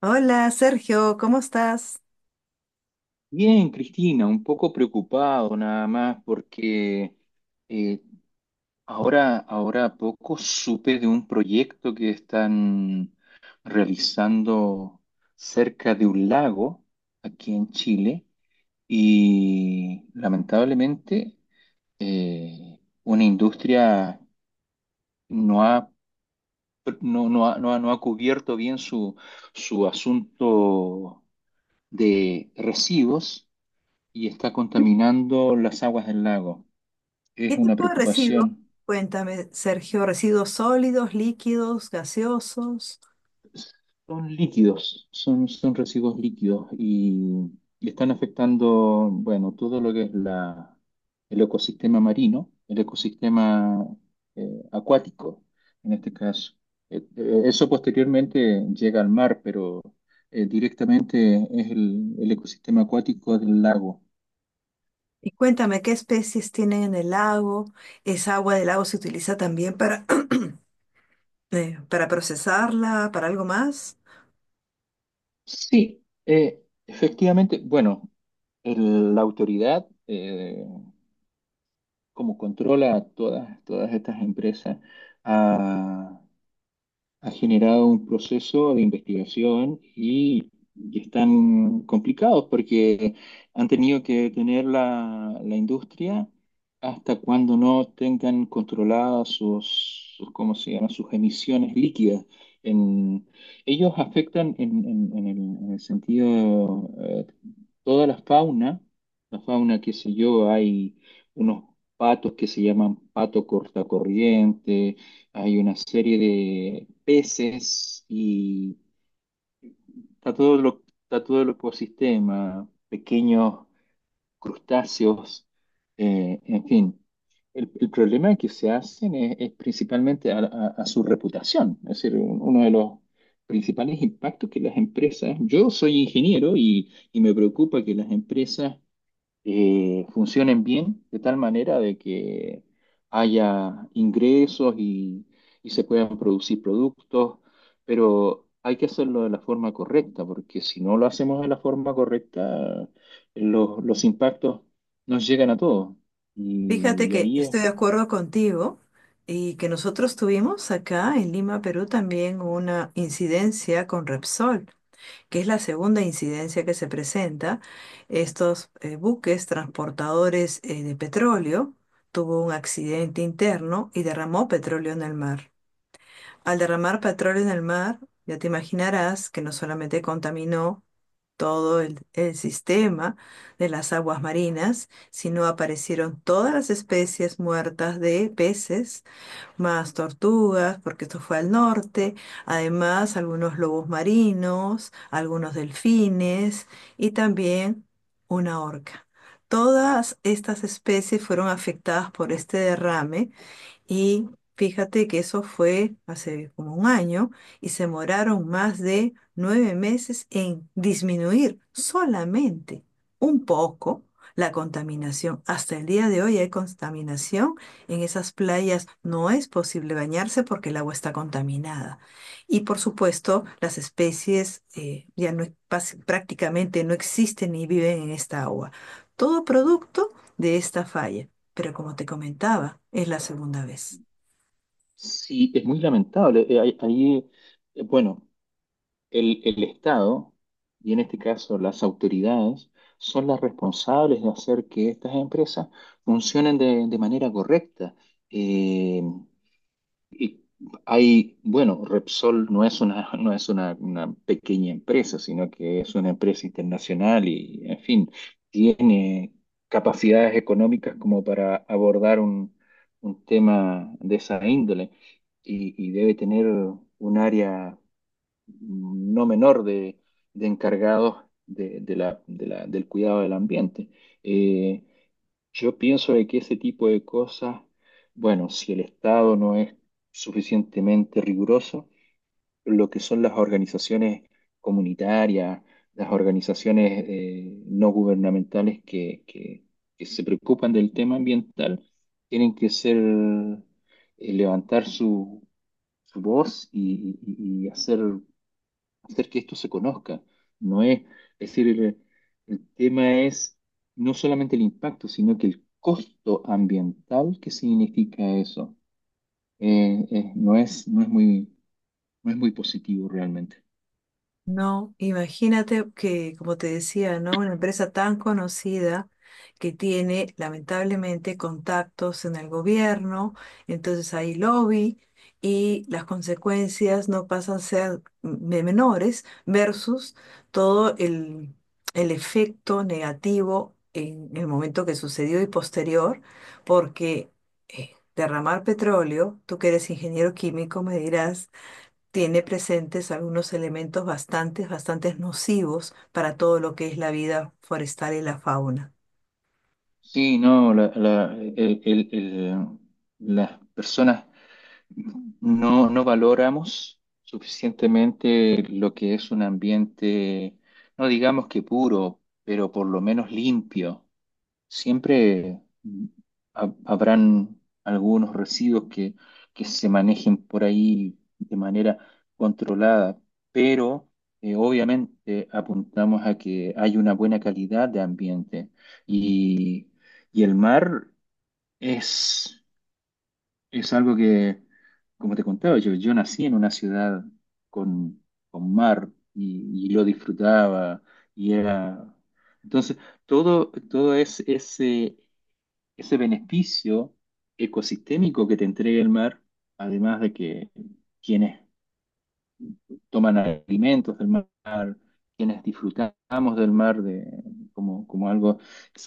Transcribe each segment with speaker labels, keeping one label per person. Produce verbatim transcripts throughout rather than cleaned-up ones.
Speaker 1: Hola Sergio, ¿cómo estás?
Speaker 2: Bien, Cristina, un poco preocupado nada más porque eh, ahora, ahora a poco supe de un proyecto que están realizando cerca de un lago aquí en Chile y lamentablemente eh, una industria no ha, no, no ha, no ha- no ha cubierto bien su, su asunto de residuos y está contaminando las aguas del lago. Es
Speaker 1: ¿Qué
Speaker 2: una
Speaker 1: tipo de residuos?
Speaker 2: preocupación.
Speaker 1: Cuéntame, Sergio, residuos sólidos, líquidos, gaseosos.
Speaker 2: Son líquidos, son, son residuos líquidos y, y están afectando, bueno, todo lo que es la, el ecosistema marino, el ecosistema eh, acuático, en este caso. Eh, eh, eso posteriormente llega al mar, pero eh, directamente es el, el ecosistema acuático del lago.
Speaker 1: Y cuéntame qué especies tienen en el lago. ¿Esa agua del lago se utiliza también para, eh, para procesarla, para algo más?
Speaker 2: Sí, eh, efectivamente, bueno, el- la autoridad, eh, como controla a todas, todas estas empresas, a ha generado un proceso de investigación y, y están complicados porque han tenido que detener la, la industria hasta cuando no tengan controladas sus, sus, ¿cómo se llama? Sus emisiones líquidas. En, Ellos afectan en, en- en el, en el sentido, eh, toda la fauna, la fauna, qué sé yo, hay unos patos que se llaman pato cortacorriente, hay una serie de peces y está todo lo, está todo el ecosistema, pequeños crustáceos, eh, en fin. El, el problema que se hacen es, es principalmente a, a- a su reputación, es decir, un- uno de los principales impactos que las empresas, yo soy ingeniero y, y me preocupa que las empresas eh, funcionen bien, de tal manera de que haya ingresos y, y se puedan producir productos, pero hay que hacerlo de la forma correcta, porque si no lo hacemos de la forma correcta, los, los impactos nos llegan a todos. Y,
Speaker 1: Fíjate
Speaker 2: y
Speaker 1: que
Speaker 2: ahí es,
Speaker 1: estoy de acuerdo contigo y que nosotros tuvimos acá en Lima, Perú, también una incidencia con Repsol, que es la segunda incidencia que se presenta. Estos eh, buques transportadores eh, de petróleo tuvo un accidente interno y derramó petróleo en el mar. Al derramar petróleo en el mar, ya te imaginarás que no solamente contaminó todo el, el sistema de las aguas marinas, sino aparecieron todas las especies muertas de peces más tortugas, porque esto fue al norte, además algunos lobos marinos, algunos delfines y también una orca. Todas estas especies fueron afectadas por este derrame y fíjate que eso fue hace como un año y se demoraron más de nueve meses en disminuir solamente un poco la contaminación. Hasta el día de hoy hay contaminación. En esas playas no es posible bañarse porque el agua está contaminada. Y por supuesto, las especies eh, ya no, pas- prácticamente no existen ni viven en esta agua. Todo producto de esta falla, pero como te comentaba, es la segunda vez.
Speaker 2: sí, es muy lamentable. Eh, ahí, ahí, eh, bueno. El, el Estado, y en este caso las autoridades, son las responsables de hacer que estas empresas funcionen de, de manera correcta. Eh, y hay, bueno, Repsol no es una, no es una, una pequeña empresa, sino que es una empresa internacional y, en fin, tiene capacidades económicas como para abordar un, un tema de esa índole y y debe tener un área no menor de, de encargados de, de la- de la- del cuidado del ambiente. Eh, yo pienso de que ese tipo de cosas, bueno, si el Estado no es suficientemente riguroso, lo que son las organizaciones comunitarias, las organizaciones, eh, no gubernamentales que, que- que se preocupan del tema ambiental, tienen que ser, eh, levantar su, su voz y y- y hacer hacer que esto se conozca. No es, Es decir, el, el tema es no solamente el impacto, sino que el costo ambiental que significa eso. Eh, eh, no es, no es muy, no es muy positivo realmente.
Speaker 1: No, imagínate que, como te decía, ¿no? Una empresa tan conocida que tiene lamentablemente contactos en el gobierno, entonces hay lobby y las consecuencias no pasan a ser de menores versus todo el, el efecto negativo en el momento que sucedió y posterior, porque eh, derramar petróleo, tú que eres ingeniero químico, me dirás, tiene presentes algunos elementos bastante, bastante nocivos para todo lo que es la vida forestal y la fauna.
Speaker 2: Sí, no, la- la- el- el- el- las personas no, no valoramos suficientemente lo que es un ambiente, no digamos que puro, pero por lo menos limpio. Siempre mm, ha- habrán algunos residuos que, que se manejen por ahí de manera controlada, pero eh, obviamente apuntamos a que hay una buena calidad de ambiente y, y el mar es, es algo que, como te contaba, yo, yo nací en una ciudad con, con mar y, y lo disfrutaba y era. Entonces, todo, todo es ese ese beneficio ecosistémico que te entrega el mar, además de que quienes toman alimentos del mar, quienes disfrutamos del mar de, como, como algo,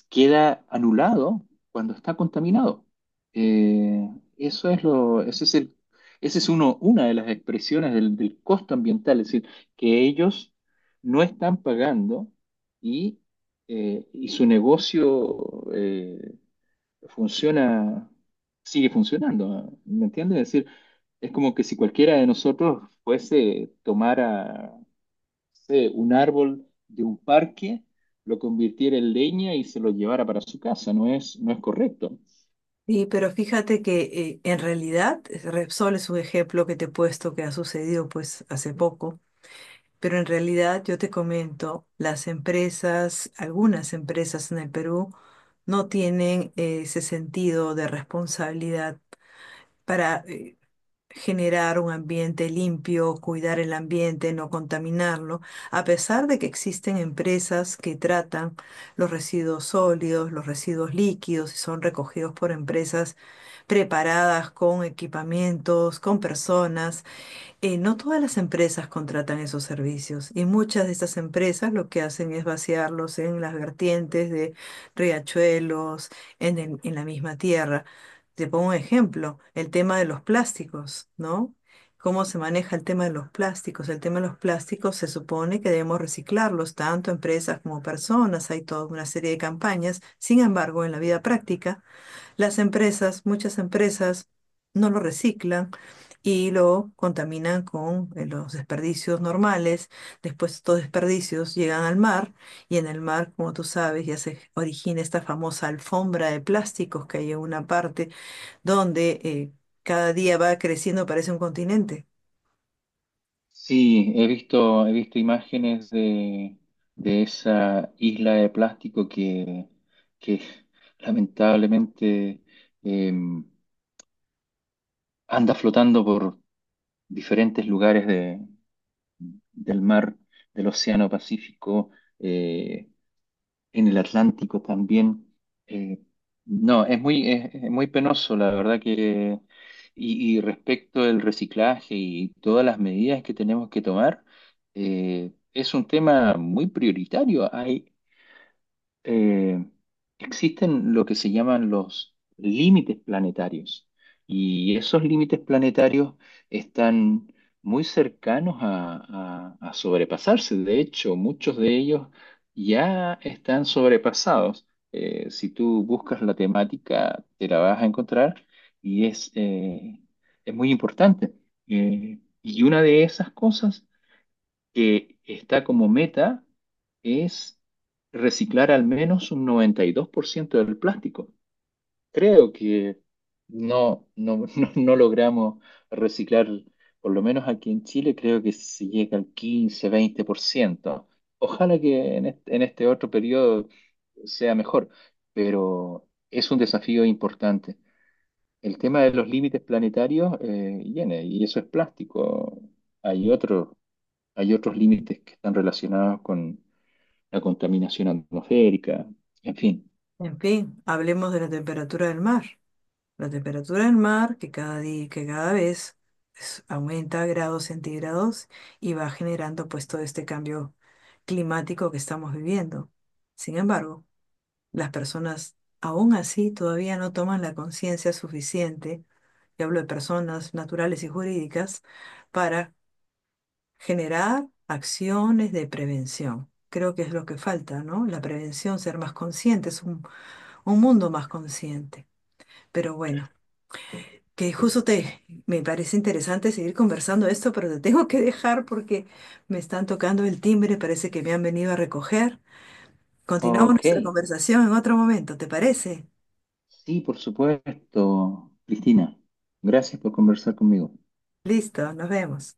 Speaker 2: queda anulado cuando está contaminado. Eh, eso es lo, Ese es el, ese es uno, una de las expresiones del, del costo ambiental, es decir, que ellos no están pagando y, eh, y su negocio, eh, funciona, sigue funcionando, ¿me entiendes? Es decir, es como que si cualquiera de nosotros fuese tomara, no sé, un árbol de un parque, lo convirtiera en leña y se lo llevara para su casa, no es, no es correcto.
Speaker 1: Y, pero fíjate que eh, en realidad Repsol es un ejemplo que te he puesto que ha sucedido pues hace poco, pero en realidad yo te comento, las empresas, algunas empresas en el Perú no tienen eh, ese sentido de responsabilidad para eh, generar un ambiente limpio, cuidar el ambiente, no contaminarlo, a pesar de que existen empresas que tratan los residuos sólidos, los residuos líquidos y son recogidos por empresas preparadas con equipamientos, con personas. Eh, no todas las empresas contratan esos servicios y muchas de estas empresas lo que hacen es vaciarlos en las vertientes de riachuelos, en el- en la misma tierra. Te pongo un ejemplo, el tema de los plásticos, ¿no? ¿Cómo se maneja el tema de los plásticos? El tema de los plásticos se supone que debemos reciclarlos, tanto empresas como personas, hay toda una serie de campañas. Sin embargo, en la vida práctica, las empresas, muchas empresas, no lo reciclan y lo contaminan con eh, los desperdicios normales. Después estos desperdicios llegan al mar y en el mar, como tú sabes, ya se origina esta famosa alfombra de plásticos que hay en una parte donde eh, cada día va creciendo, parece un continente.
Speaker 2: Sí, he visto, he visto imágenes de, de esa isla de plástico que, que lamentablemente, eh, anda flotando por diferentes lugares de del mar, del Océano Pacífico, eh, en el Atlántico también. Eh, no, Es muy, es, es muy penoso, la verdad que. Y, y respecto del reciclaje y todas las medidas que tenemos que tomar, eh, es un tema muy prioritario. Hay eh, Existen lo que se llaman los límites planetarios y esos límites planetarios están muy cercanos a, a- a sobrepasarse. De hecho, muchos de ellos ya están sobrepasados. Eh, si tú buscas la temática, te la vas a encontrar y es, eh, es muy importante. Eh, y una de esas cosas que está como meta es reciclar al menos un noventa y dos por ciento del plástico. Creo que no, no, no, no logramos reciclar, por lo menos aquí en Chile, creo que se llega al quince, veinte por ciento. Ojalá que en este, en este otro periodo sea mejor, pero es un desafío importante. El tema de los límites planetarios, eh, viene, y eso es plástico. Hay otros Hay otros límites que están relacionados con la contaminación atmosférica, en fin.
Speaker 1: En fin, hablemos de la temperatura del mar. La temperatura del mar, que cada día, que cada vez es- aumenta grados centígrados y va generando pues todo este cambio climático que estamos viviendo. Sin embargo, las personas aún así todavía no toman la conciencia suficiente, y hablo de personas naturales y jurídicas, para generar acciones de prevención. Creo que es lo que falta, ¿no? La prevención, ser más conscientes, un, un mundo más consciente. Pero bueno, que justo te, me parece interesante seguir conversando esto, pero te tengo que dejar porque me están tocando el timbre, parece que me han venido a recoger. Continuamos
Speaker 2: Ok,
Speaker 1: nuestra conversación en otro momento, ¿te parece?
Speaker 2: sí, por supuesto, Cristina. Gracias por conversar conmigo.
Speaker 1: Listo, nos vemos.